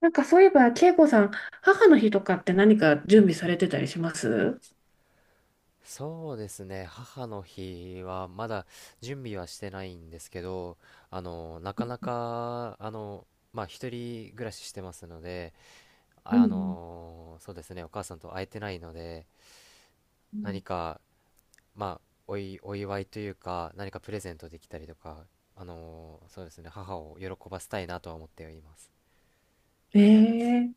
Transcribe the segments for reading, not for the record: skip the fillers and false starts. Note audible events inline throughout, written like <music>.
そういえば、恵子さん、母の日とかって何か準備されてたりします？そうですね。母の日はまだ準備はしてないんですけど、なかなか、まあ、一人暮らししてますので、うんそうですね。お母さんと会えてないので、うん。うん。何か、まあ、お祝いというか、何かプレゼントできたりとか、そうですね。母を喜ばせたいなとは思っています。ええ。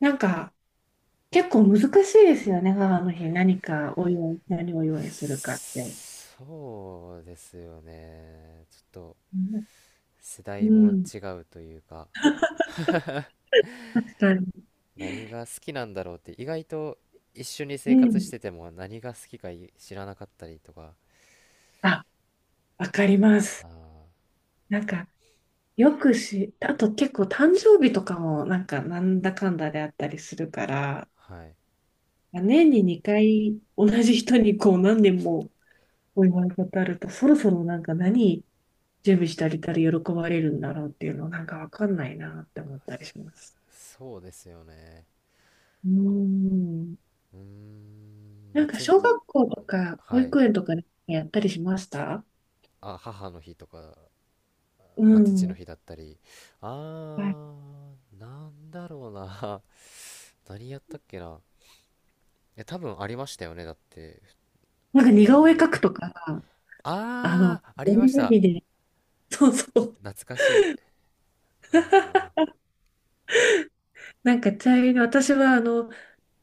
なんか結構難しいですよね、母の日。何かお祝い、何をお祝いするかって。そうですよね。ちょっとうん世代うもん、違うというか、確かに。何が好きなんだろうって、意外と一緒にう生活しん。てても何が好きか知らなかったりとか。あ、わかりまあす。なんか、よくし、あと結構誕生日とかもなんだかんだであったりするから、あ、はい。年に2回同じ人にこう何年もお祝い事あると、そろそろなんか何、準備してあげたら喜ばれるんだろうっていうのなんかわかんないなって思ったりします。そうですよね。うーん。うーん、まなあんかち小学校とか保はい。育園とかでやったりしました？あ、母の日とか、うまあ、父のん。日だったり、はあい。なんだろうな。 <laughs> 何やったっけな。いや、多分ありましたよね、だって。なんか似そう顔絵い描う、くとか、あの、ああー、あり折まりした。紙で、そうそう。懐かしい。あ <laughs> なんかちなみに私はあの、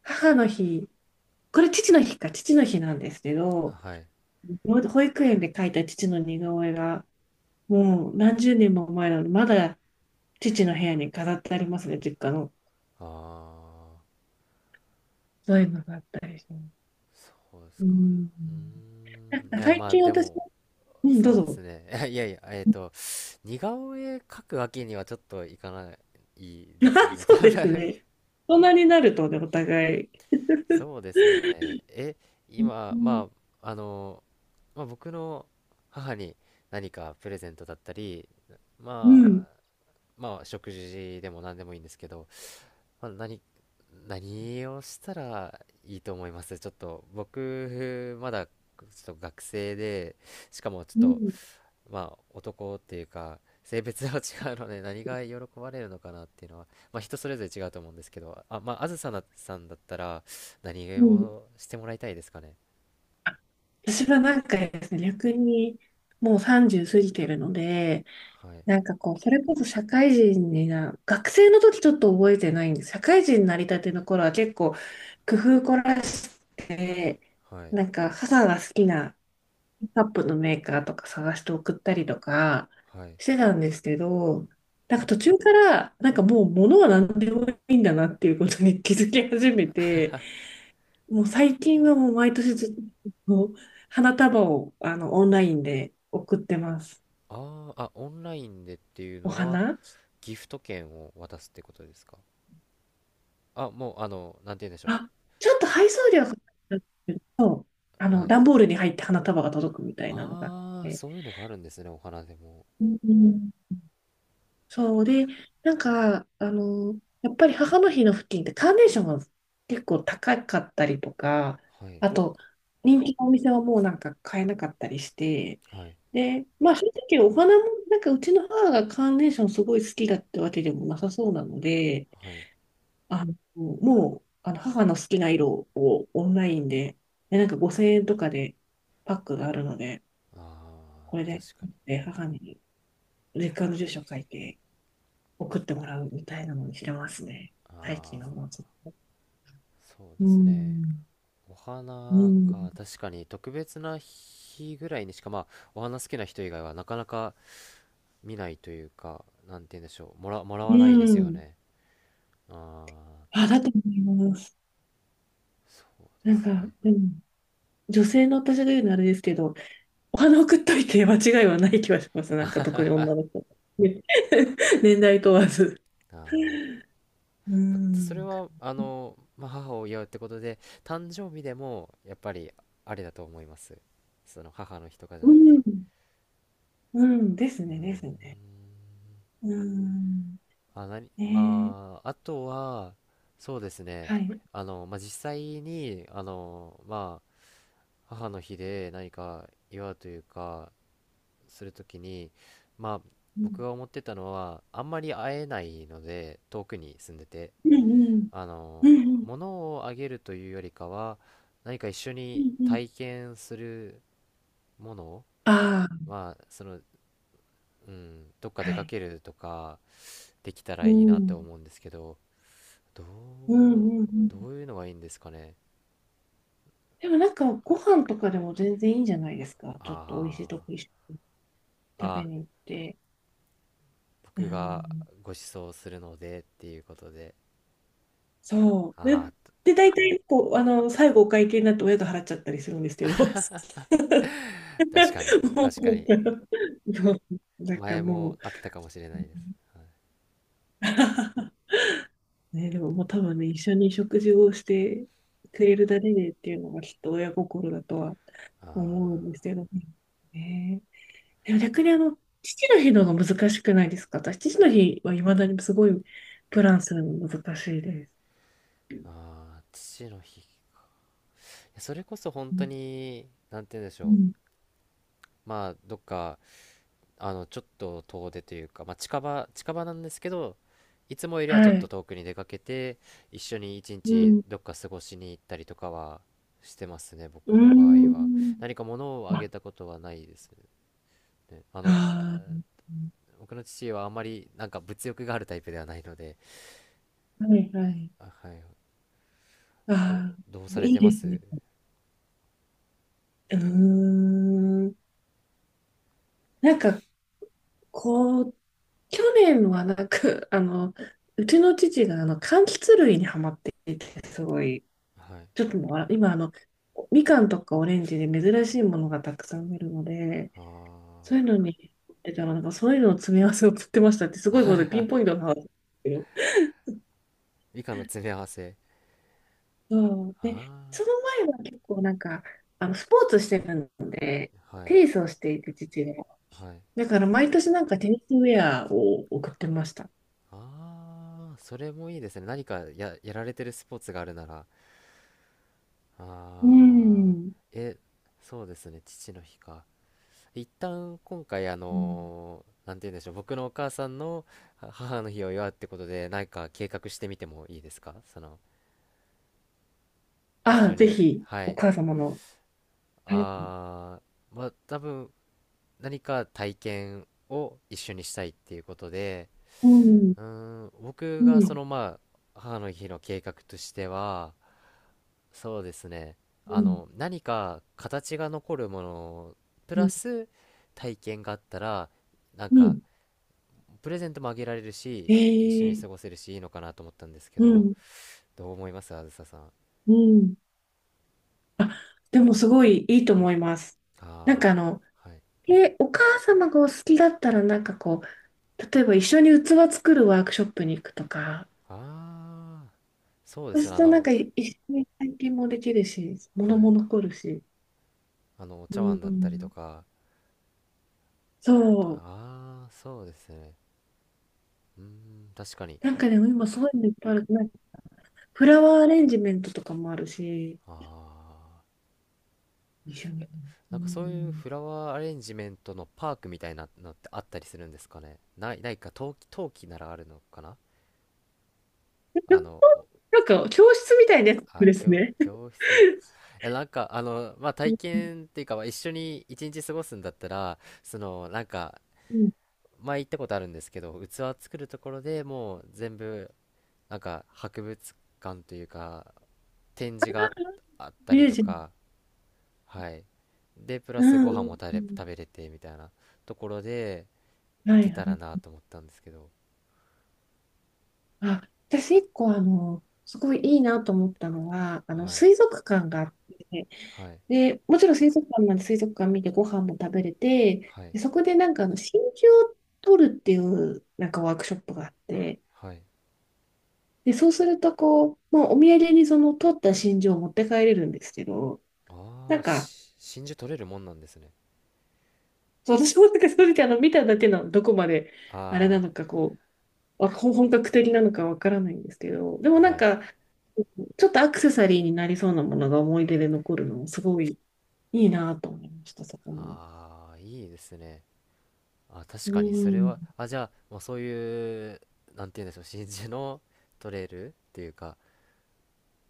母の日、これ父の日か、父の日なんですけー、ど、はい。保育園で描いた父の似顔絵が、もう何十年も前なので、まだ父の部屋に飾ってありますね、実家の。ああそういうのがあったりします。うん。ー、うん。いなんかや、最まあ、近で私も、も、うん、どうそうですぞ。ね。<laughs> いやいや、<laughs> 似顔絵描くわけにはちょっといかないですよあ、ね。<laughs> そう多です分。ね。大人になるとね、お互い。そうですよね。え、う今、ん、まあ、まあ、僕の母に何かプレゼントだったり、うまん。あ、食事でも何でもいいんですけど、まあ、何をしたらいいと思います？ちょっと僕、まだちょっと学生で、しかもちょっうと、ん、まあ、男っていうか性別は違うので、何が喜ばれるのかなっていうのは、まあ、人それぞれ違うと思うんですけど、まあ、あずさなさんだったら何うん。をしてもらいたいですかね？あ、私はなんかですね、逆にもう30過ぎてるので、はい、なんかこう、それこそ社会人にな、学生の時ちょっと覚えてないんです。社会人になりたての頃は結構工夫凝らして、はい、なんか母が好きなカップのメーカーとか探して送ったりとかはい。してたんですけど、なんか途中から、なんかもう物は何でもいいんだなっていうことに気づき始めて、もう最近はもう毎年ずっと花束をあのオンラインで送ってます。ああ、オンラインでっていうおのは花、ギフト券を渡すってことですか？もう、なんて言うんでしょう。あ、ちょっと配送料がかかっちゃうんですけど、あはのい。段ボールに入って花束が届くみたいなのがあっああー、て。そういうのがあるんですね、お花でも。うんうん。そうで、なんか、あの、やっぱり母の日の付近ってカーネーションが結構高かったりとか、はい、あと、人気のお店はもうなんか買えなかったりして、はい、で、まあ正直お花も、なんかうちの母がカーネーションすごい好きだってわけでもなさそうなので、はい。あの、もう、あの母の好きな色をオンラインで、で、なんか5000円とかでパックがあるので、こああれー、で、確かに。で母に実家の住所書いて、送ってもらうみたいなのにしてますね。最あ近はあもうちょっと。ー、そううですね。ん。おう花ん。か、確かに特別な日ぐらいにしか、まあ、お花好きな人以外はなかなか見ないというか、なんて言うんでしょう、もらわうないですよん。ね。ああ、あ、だと思います。そうでなんすか、ね。うん、女性の私が言うのあれですけど、お花送っといて間違いはない気はします。なんか特に女の子ね。 <laughs> 年代問わず。ああ。うーま、それん。は、まあ、母を祝うってことで、誕生日でも、やっぱり、あれだと思います。その、母の日とかじゃうなくて。ん。うん。ですね、ですね。うーん。あ、なに、ねえ。まあ、あとは、そうですね。はい。まあ、実際に、まあ、母の日で何か祝うというか、するときに、まあ、う僕ん。が思ってたのは、あんまり会えないので、遠くに住んでて、うんうん。あうの、んうん。物をあげるというよりかは、何か一緒うにんうん。体験するものああ、は、その、うん、どっかは出かい。けるとか、できたらういいなってん。思うんですけど、どうんうう、んうん。どういうのがいいんですかね？でもなんかご飯とかでも全然いいんじゃないですか。ちょっと美味しいとこあ一緒ー、にあー、食べあ、に行って。う僕がん。ご馳走するのでっていうことで、そう。で、あ大体、こう、あの、最後お会計になって親が払っちゃったりするんですけど。<laughs> あ、確かに、も確う、かに、もうなんか前ももう、あったかもしれないです。 <laughs> ね、でももう多分ね、一緒に食事をしてくれるだけでっていうのがきっと親心だとは思うんあですけどね。ね、でも逆にあの、父の日の方が難しくないですか？私、父の日はいまだにすごいプランするの難しいです。ー、あー、父の日、いや、それこそ本う当んになんて言うんでしうょん。う、まあ、どっか、ちょっと遠出というか、まあ、近場近場なんですけど、いつもよりははちょっとい。遠くに出かけて、一緒に一う日ん。どっか過ごしに行ったりとかはしてますね、う僕ーの場合は。ん。何か物をああ、げたことはないですね。あの、あ、あ僕の父はあまりなんか物欲があるタイプではないので。あ、はいはい。あ、はい。あどうさあ、れいいてまですす？ね。うーん。なんか、こう、去年はなんか、あの、うちの父があの、柑橘類にハマっていて、すごい、はい。ちょっともう、あ、今あの、みかんとかオレンジで珍しいものがたくさん出るので、あそうあ、いうのに、え、たらなんかそういうのを詰め合わせを送ってましたって、すごいことでピンポイントの話ですけど。以下の詰め合わせ。そう。あで、その前は結構なんか、あの、スポーツしてるので、あ、はい、テニスをしていて、父が。はい。だから毎年なんかテニスウェアを送ってました。ああ、それもいいですね。何かやられてるスポーツがあるなら。うああ、ん。え、そうですね。父の日か。一旦今回、うん。なんて言うんでしょう。僕のお母さんのは母の日を祝うってことで、何か計画してみてもいいですか、その、一あ緒あ、ぜに。ひ、はおい。母様の。はい。ああ、まあ、多分、何か体験を一緒にしたいっていうことで、うん。うーん、僕うがそん。のまあ母の日の計画としては、そうですね。うん。何か形が残るものプうラん。ス体験があったら、なんうかん。プレゼントもあげられるし、一緒にえ過ごえ。せるし、いいのかなと思ったんですけうど、ん。どう思いますあずささん？うん。あ、でもすごいいいと思います。なんあかああの、ー、はい。え、お母様がお好きだったら、なんかこう、例えば一緒に器作るワークショップに行くとか、ああ、そうでそうすすね。るあとなんかの、い一緒に体験もできるし、は物もい。残るし。あの、おう茶碗だったりとん。か、そう。ああ、そうですね。うーん、確かに。なんかね、今そういうのいっぱいある。なんかフラワーアレンジメントとかもあるし、ああ。一緒に。うなんか、そういうん。フラワーアレンジメントのパークみたいなのってあったりするんですかね？ないか、陶器ならあるのかな。あの、おなんか教室みたいなやつあ、です教、ね。教室、え、なんか、まあ、う体ん。験っていうか、まあ、一緒に一日過ごすんだったら、その、なんか、うん。前行ったことあるんですけど、器作るところでもう全部、なんか、博物館というか、展示があったミりューとジアム。か、はい。で、プラうスご飯もん。うん食べれて、みたいなところで、うん。いはけたらい。なと思ったんですけど、あ、私一個あの、すごいいいなと思ったのは、あの、はい、水族館があって、はい、で、もちろん水族館なんで水族館見てご飯も食べれて、はい、で、そこでなんかあの、真珠を取るっていうなんかワークショップがあって、はい。で、そうするとこう、まあ、お土産にその取った真珠を持って帰れるんですけど、あなあんー、か、真珠取れるもんなんですね。そう私もなんかそれであの、見ただけのどこまであれあなのかこう、あ、本格的なのかわからないんですけど、であもー、なはんい。か、ちょっとアクセサリーになりそうなものが思い出で残るのもすごいいいなと思いました、そこも。ああ、いいですね。あ、う確かにそれん。は。あ、じゃあ、まあ、そういう、なんて言うんでしょう、真珠の取れるっていうか、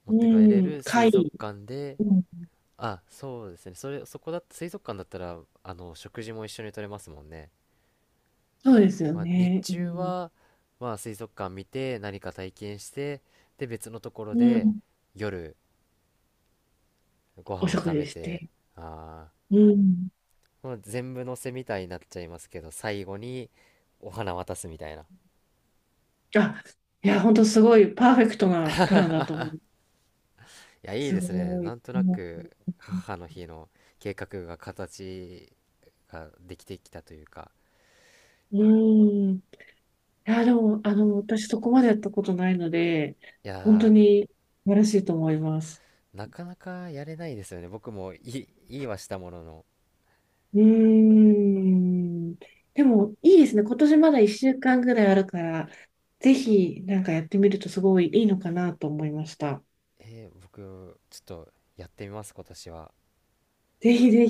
持うって帰れん。る水族貝。館で。うん。あ、そうですね。それ、そこだ。水族館だったら、あの食事も一緒に取れますもんね。そうですよまあ、日ね。う中ん。は、まあ、水族館見て何か体験して、で、別のところうでん。夜ごお飯を食食べ事して、て。あうん。ー、まあ、全部のせみたいになっちゃいますけど、最後にお花渡すみたいな。いあ、いや、本当すごいパーフェクトなプランだと思う。や、いいすですね、ごない。んとなもく母の日の計画が形ができてきたというか。う、うん。いや、でも、あの、私そこまでやったことないので、い本当やに素晴らしいと思います。ー、なかなかやれないですよね、僕も。いいはしたものの、うーん。でも、いいですね。今年まだ1週間ぐらいあるから、ぜひ、なんかやってみるとすごいいいのかなと思いました。えー、僕ちょっとやってみます、今年は。ぜひぜ